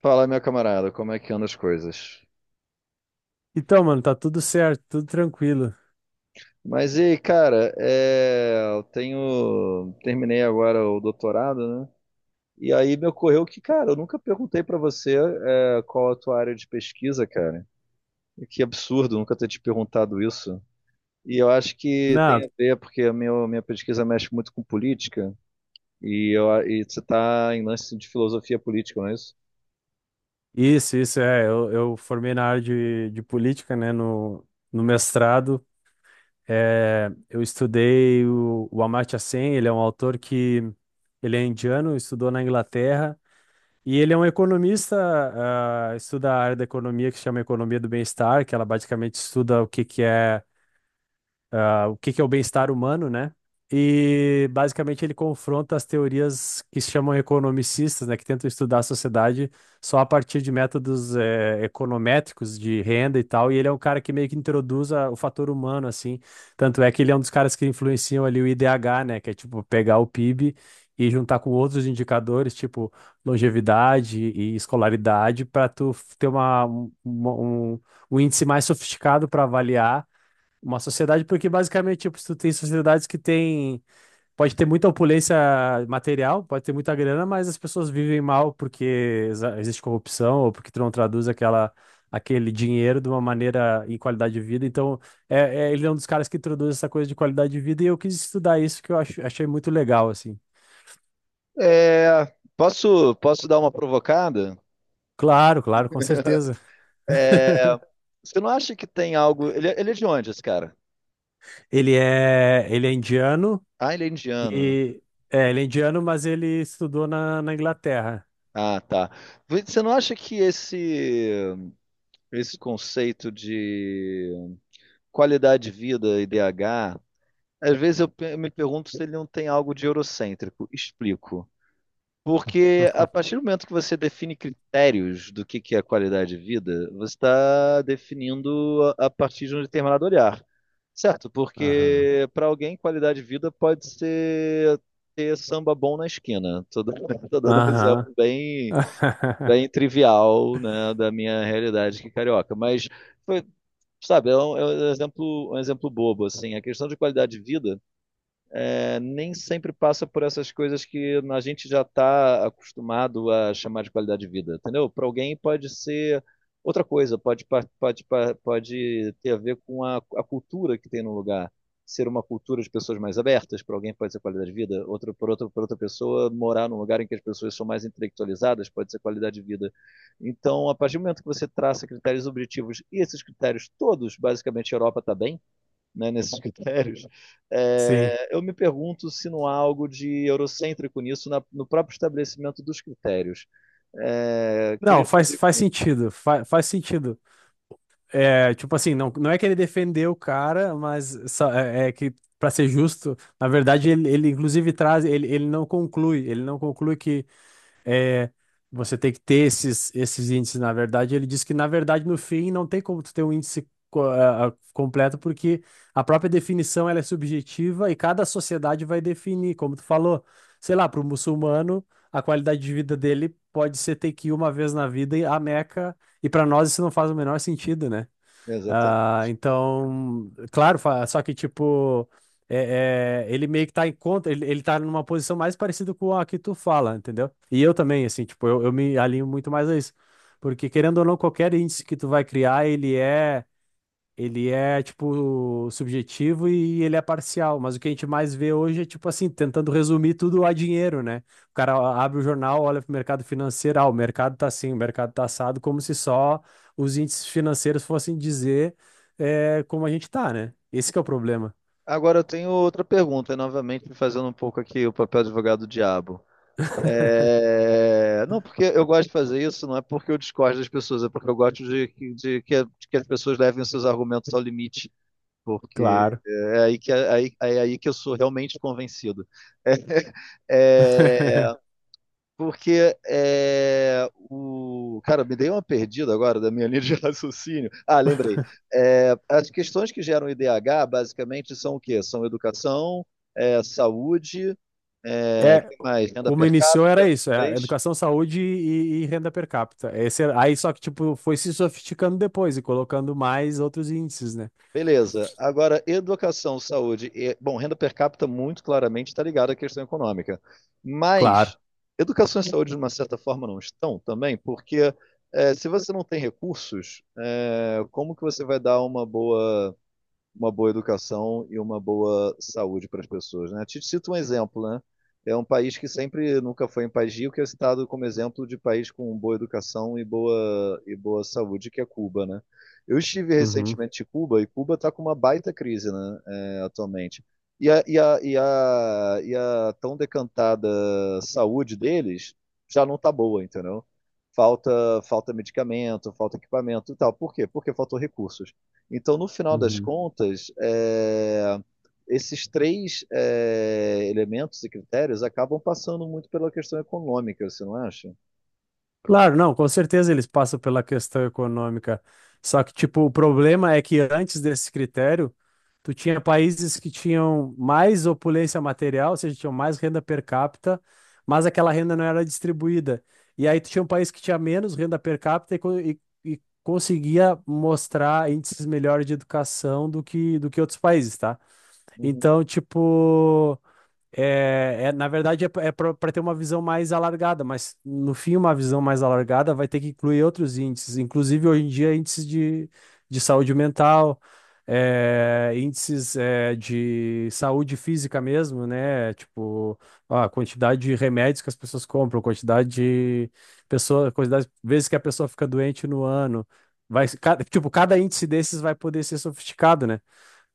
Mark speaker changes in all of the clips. Speaker 1: Fala, meu camarada, como é que andam as coisas?
Speaker 2: Então, mano, tá tudo certo, tudo tranquilo.
Speaker 1: Mas e aí, cara, eu terminei agora o doutorado, né? E aí me ocorreu que, cara, eu nunca perguntei pra você, qual a tua área de pesquisa, cara. Que absurdo nunca ter te perguntado isso. E eu acho que
Speaker 2: Não,
Speaker 1: tem a ver, porque a minha pesquisa mexe muito com política, e você tá em lance de filosofia política, não é isso?
Speaker 2: isso, é. Eu formei na área de política, né, no mestrado. É, eu estudei o Amartya Sen, ele é um autor que, ele é indiano, estudou na Inglaterra, e ele é um economista, estuda a área da economia que se chama Economia do Bem-Estar, que ela basicamente estuda o que que é o bem-estar humano, né? E basicamente ele confronta as teorias que se chamam economicistas, né, que tentam estudar a sociedade só a partir de métodos econométricos de renda e tal. E ele é um cara que meio que introduz o fator humano, assim. Tanto é que ele é um dos caras que influenciam ali o IDH, né, que é tipo pegar o PIB e juntar com outros indicadores, tipo longevidade e escolaridade, para tu ter uma, um, um um índice mais sofisticado para avaliar uma sociedade, porque basicamente, tipo, se tu tem sociedades que tem. Pode ter muita opulência material, pode ter muita grana, mas as pessoas vivem mal porque existe corrupção ou porque tu não traduz aquele dinheiro de uma maneira em qualidade de vida. Então, ele é um dos caras que introduz essa coisa de qualidade de vida e eu quis estudar isso que achei muito legal, assim.
Speaker 1: É, posso dar uma provocada?
Speaker 2: Claro, claro, com certeza.
Speaker 1: É, você não acha que tem algo. Ele é de onde, esse cara?
Speaker 2: Ele é indiano
Speaker 1: Ah, ele é indiano.
Speaker 2: e. É, ele é indiano, mas ele estudou na Inglaterra.
Speaker 1: Ah, tá. Você não acha que esse conceito de qualidade de vida, e IDH, às vezes eu me pergunto se ele não tem algo de eurocêntrico. Explico. Porque a partir do momento que você define critérios do que é qualidade de vida, você está definindo a partir de um determinado olhar, certo?
Speaker 2: Aham.
Speaker 1: Porque para alguém, qualidade de vida pode ser ter samba bom na esquina. Tô dando um exemplo
Speaker 2: Aham.
Speaker 1: bem trivial, né, da minha realidade aqui carioca. Foi, sabe, é é um exemplo bobo, assim. A questão de qualidade de vida nem sempre passa por essas coisas que a gente já está acostumado a chamar de qualidade de vida, entendeu? Para alguém pode ser outra coisa, pode ter a ver com a cultura que tem no lugar. Ser uma cultura de pessoas mais abertas, para alguém pode ser qualidade de vida, por outra pessoa, morar num lugar em que as pessoas são mais intelectualizadas pode ser qualidade de vida. Então, a partir do momento que você traça critérios objetivos, e esses critérios todos, basicamente, a Europa está bem, né, nesses critérios,
Speaker 2: Sim.
Speaker 1: eu me pergunto se não há algo de eurocêntrico nisso, no próprio estabelecimento dos critérios. É,
Speaker 2: Não,
Speaker 1: queria te
Speaker 2: faz,
Speaker 1: ouvir.
Speaker 2: faz sentido. Faz sentido. É, tipo assim, não, não é que ele defendeu o cara, mas é que, pra ser justo, na verdade, ele inclusive traz, ele não conclui, ele não conclui que é, você tem que ter esses índices, na verdade. Ele diz que, na verdade, no fim, não tem como tu ter um índice completo, porque a própria definição ela é subjetiva e cada sociedade vai definir, como tu falou. Sei lá, para o muçulmano, a qualidade de vida dele pode ser ter que ir uma vez na vida à Meca, e para nós isso não faz o menor sentido, né?
Speaker 1: Exato.
Speaker 2: Ah, então, claro, só que tipo, ele meio que tá em conta, ele tá numa posição mais parecida com a que tu fala, entendeu? E eu também, assim, tipo, eu me alinho muito mais a isso. Porque querendo ou não, qualquer índice que tu vai criar, ele é. Ele é, tipo, subjetivo e ele é parcial. Mas o que a gente mais vê hoje é, tipo assim, tentando resumir tudo a dinheiro, né? O cara abre o jornal, olha para o mercado financeiro, o mercado tá assim, o mercado tá assado, como se só os índices financeiros fossem dizer como a gente tá, né? Esse que é o problema.
Speaker 1: Agora eu tenho outra pergunta, e novamente fazendo um pouco aqui o papel de advogado do diabo. Não, porque eu gosto de fazer isso, não é porque eu discordo das pessoas, é porque eu gosto de que as pessoas levem os seus argumentos ao limite, porque
Speaker 2: Claro.
Speaker 1: é aí é aí que eu sou realmente convencido. É, Porque é, o. Cara, me dei uma perdida agora da minha linha de raciocínio. Ah, lembrei. É, as questões que geram IDH basicamente são o quê? São educação, saúde, é,
Speaker 2: É,
Speaker 1: que mais? Renda
Speaker 2: como
Speaker 1: per
Speaker 2: iniciou
Speaker 1: capita,
Speaker 2: era isso, é,
Speaker 1: talvez?
Speaker 2: educação, saúde e renda per capita. Aí só que, tipo, foi se sofisticando depois e colocando mais outros índices, né?
Speaker 1: Beleza. Agora, educação, saúde bom, renda per capita muito claramente está ligada à questão econômica. Mas
Speaker 2: Claro.
Speaker 1: educação e saúde, de uma certa forma, não estão também, porque se você não tem recursos, como que você vai dar uma boa educação e uma boa saúde para as pessoas, né? Te cito um exemplo, né? É um país que sempre nunca foi um país rico, que é citado como exemplo de país com boa educação e boa saúde, que é Cuba, né? Eu estive
Speaker 2: Uhum.
Speaker 1: recentemente em Cuba e Cuba está com uma baita crise, né? É, atualmente. E a tão decantada saúde deles já não está boa, entendeu? Falta, falta medicamento, falta equipamento e tal. Por quê? Porque faltou recursos. Então, no final das
Speaker 2: Uhum.
Speaker 1: contas, esses três elementos e critérios acabam passando muito pela questão econômica, você não acha?
Speaker 2: Claro, não, com certeza eles passam pela questão econômica. Só que, tipo, o problema é que antes desse critério, tu tinha países que tinham mais opulência material, ou seja, tinham mais renda per capita, mas aquela renda não era distribuída. E aí tu tinha um país que tinha menos renda per capita e conseguia mostrar índices melhores de educação do que outros países, tá?
Speaker 1: Uhum.
Speaker 2: Então, tipo. Na verdade, é para ter uma visão mais alargada, mas no fim, uma visão mais alargada vai ter que incluir outros índices, inclusive hoje em dia, índices de saúde mental, índices de saúde física mesmo, né? Tipo, ó, a quantidade de remédios que as pessoas compram, quantidade de pessoa, quantidade de vezes que a pessoa fica doente no ano. Vai, cada índice desses vai poder ser sofisticado, né?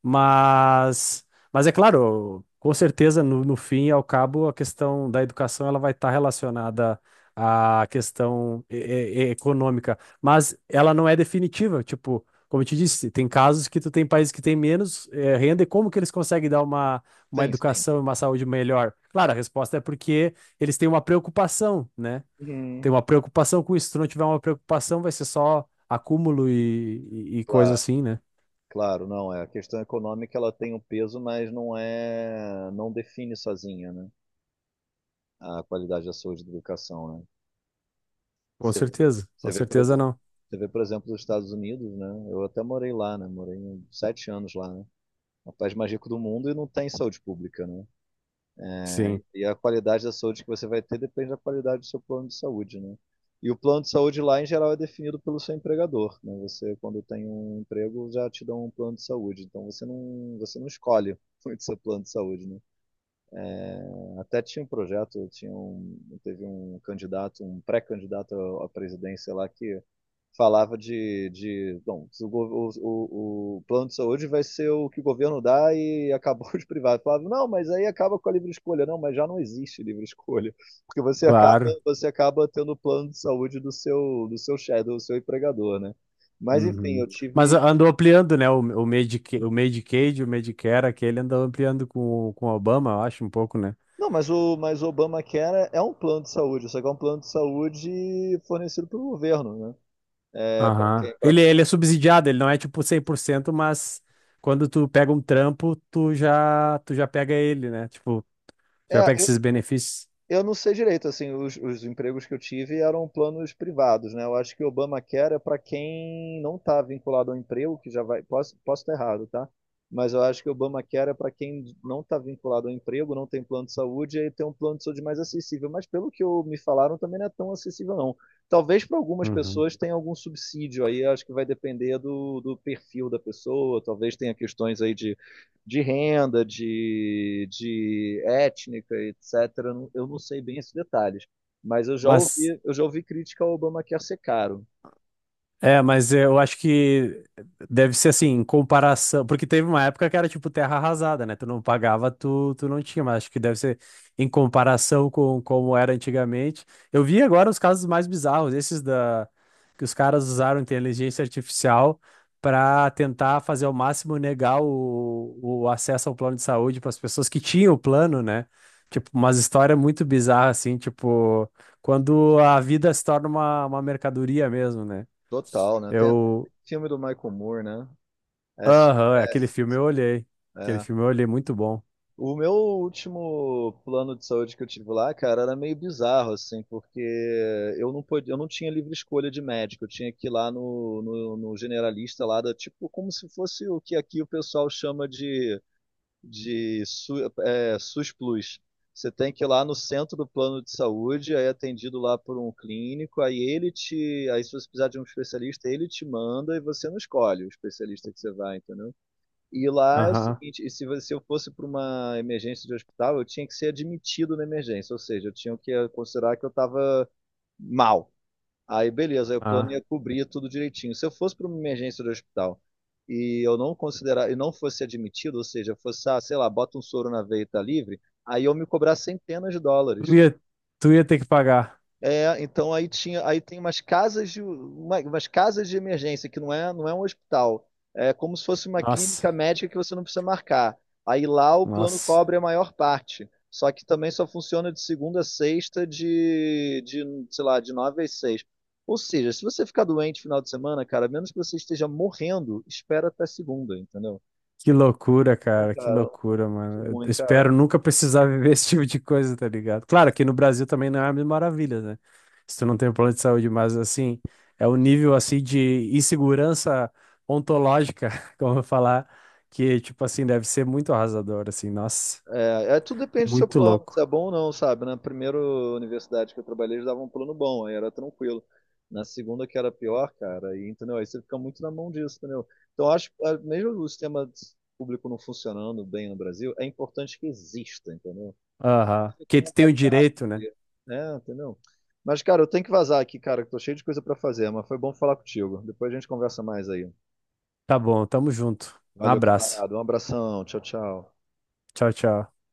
Speaker 2: Mas, mas é claro, com certeza, no fim e ao cabo, a questão da educação ela vai estar relacionada à questão econômica, mas ela não é definitiva. Tipo, como eu te disse, tem casos que tu tem países que têm menos renda e como que eles conseguem dar uma
Speaker 1: Sim, sim.
Speaker 2: educação e uma saúde melhor? Claro, a resposta é porque eles têm uma preocupação, né?
Speaker 1: Uhum.
Speaker 2: Tem uma preocupação com isso. Se tu não tiver uma preocupação, vai ser só acúmulo e coisa
Speaker 1: Claro,
Speaker 2: assim, né?
Speaker 1: claro, não é. A questão econômica ela tem um peso, mas não não define sozinha, né? A qualidade da saúde e da educação, né? Você vê, você
Speaker 2: Com
Speaker 1: vê, por
Speaker 2: certeza
Speaker 1: exemplo,
Speaker 2: não.
Speaker 1: você vê, por exemplo, os Estados Unidos, né? Eu até morei lá, né? Morei 7 anos lá, né? O país mais rico do mundo e não tem saúde pública, né? Né?
Speaker 2: Sim,
Speaker 1: E a qualidade da saúde que você vai ter depende da qualidade do seu plano de saúde, né? E o plano de saúde lá, em geral, é definido pelo seu empregador, né? Você, quando tem um emprego, já te dão um plano de saúde. Então, você não escolhe muito seu plano de saúde, né? Até tinha um projeto, teve um candidato, um pré-candidato à presidência lá que falava de bom, o plano de saúde vai ser o que o governo dá e acabou os privados. Falava, não, mas aí acaba com a livre escolha. Não, mas já não existe livre escolha, porque
Speaker 2: claro.
Speaker 1: você acaba tendo o plano de saúde do do seu chefe, do seu empregador, né? Mas enfim,
Speaker 2: Uhum.
Speaker 1: eu
Speaker 2: Mas
Speaker 1: tive.
Speaker 2: andou ampliando, né? O Medicaid, o Medicare, aquele andou ampliando com o Obama, eu acho, um pouco, né?
Speaker 1: Não, mas o Obamacare é um plano de saúde, só que é um plano de saúde fornecido pelo governo, né? É,
Speaker 2: Aham.
Speaker 1: para
Speaker 2: Ele,
Speaker 1: quem.
Speaker 2: ele é subsidiado, ele não é tipo 100% mas quando tu pega um trampo, tu já pega ele, né? Tipo, já
Speaker 1: É,
Speaker 2: pega esses benefícios?
Speaker 1: eu não sei direito, assim, os empregos que eu tive eram planos privados, né? Eu acho que o Obamacare é para quem não está vinculado ao emprego, que já vai, posso estar errado, tá? Mas eu acho que o Obamacare é para quem não está vinculado ao emprego, não tem plano de saúde, e aí tem um plano de saúde mais acessível. Mas pelo que me falaram, também não é tão acessível, não. Talvez para algumas
Speaker 2: Uhum.
Speaker 1: pessoas tenha algum subsídio aí, acho que vai depender do perfil da pessoa, talvez tenha questões aí de renda, de étnica, etc. Eu não- sei bem esses detalhes, mas
Speaker 2: Mas
Speaker 1: eu já ouvi crítica ao Obamacare ser caro.
Speaker 2: mas eu acho que deve ser assim, em comparação. Porque teve uma época que era tipo terra arrasada, né? Tu não pagava, tu não tinha, mas acho que deve ser em comparação com como era antigamente. Eu vi agora os casos mais bizarros, esses da que os caras usaram inteligência artificial para tentar fazer ao máximo negar o acesso ao plano de saúde para as pessoas que tinham o plano, né? Tipo, umas histórias muito bizarras, assim, tipo, quando a vida se torna uma mercadoria mesmo, né?
Speaker 1: Total, né? Tem até
Speaker 2: Eu.
Speaker 1: aquele filme do Michael Moore, né?
Speaker 2: Aham, aquele
Speaker 1: SOS.
Speaker 2: filme eu olhei. Aquele
Speaker 1: É.
Speaker 2: filme eu olhei, muito bom.
Speaker 1: O meu último plano de saúde que eu tive lá, cara, era meio bizarro, assim, porque eu não tinha livre escolha de médico, eu tinha que ir lá no generalista lá, da, tipo, como se fosse o que aqui o pessoal chama de SUS Plus. Você tem que ir lá no centro do plano de saúde, aí é atendido lá por um clínico, aí se você precisar de um especialista, ele te manda e você não escolhe o especialista que você vai, entendeu? E lá é o
Speaker 2: Aham,
Speaker 1: seguinte, e se eu fosse para uma emergência de hospital, eu tinha que ser admitido na emergência, ou seja, eu tinha que considerar que eu estava mal. Aí, beleza, aí o plano
Speaker 2: ah.
Speaker 1: ia cobrir tudo direitinho. Se eu fosse para uma emergência do hospital e eu não considerar e não fosse admitido, ou seja, fosse, ah, sei lá, bota um soro na veia e tá livre, aí eu me cobrar centenas de
Speaker 2: Tu
Speaker 1: dólares.
Speaker 2: ia, tu ia ter que pagar.
Speaker 1: É, então aí tinha, aí tem umas casas umas casas de emergência que não não é um hospital. É como se fosse uma
Speaker 2: Nossa,
Speaker 1: clínica médica que você não precisa marcar. Aí lá o plano
Speaker 2: nossa.
Speaker 1: cobre a maior parte. Só que também só funciona de segunda a sexta sei lá, de nove às seis. Ou seja, se você ficar doente final de semana, cara, a menos que você esteja morrendo, espera até segunda, entendeu?
Speaker 2: Que loucura,
Speaker 1: Então,
Speaker 2: cara, que
Speaker 1: cara,
Speaker 2: loucura, mano.
Speaker 1: ruim,
Speaker 2: Eu
Speaker 1: cara.
Speaker 2: espero nunca precisar viver esse tipo de coisa, tá ligado? Claro, que no Brasil também não é a mil maravilhas, né? Se tu não tem um plano de saúde, mas assim, é o nível assim de insegurança ontológica, como eu falar, que tipo assim, deve ser muito arrasador, assim, nossa,
Speaker 1: Tudo depende do seu
Speaker 2: muito
Speaker 1: plano, se
Speaker 2: louco.
Speaker 1: é bom ou não, sabe? Na primeira universidade que eu trabalhei, eles davam um plano bom, aí era tranquilo. Na segunda, que era pior, cara, aí, entendeu? Aí você fica muito na mão disso, entendeu? Então, eu acho que mesmo o sistema público não funcionando bem no Brasil, é importante que exista, entendeu?
Speaker 2: Aham.
Speaker 1: É
Speaker 2: Que
Speaker 1: como um
Speaker 2: tu tem o
Speaker 1: backup,
Speaker 2: direito, né?
Speaker 1: né? Entendeu? Mas, cara, eu tenho que vazar aqui, cara, que tô cheio de coisa pra fazer, mas foi bom falar contigo. Depois a gente conversa mais aí.
Speaker 2: Tá bom, tamo junto. Um
Speaker 1: Valeu,
Speaker 2: abraço.
Speaker 1: camarada. Um abração. Tchau, tchau.
Speaker 2: Tchau, tchau.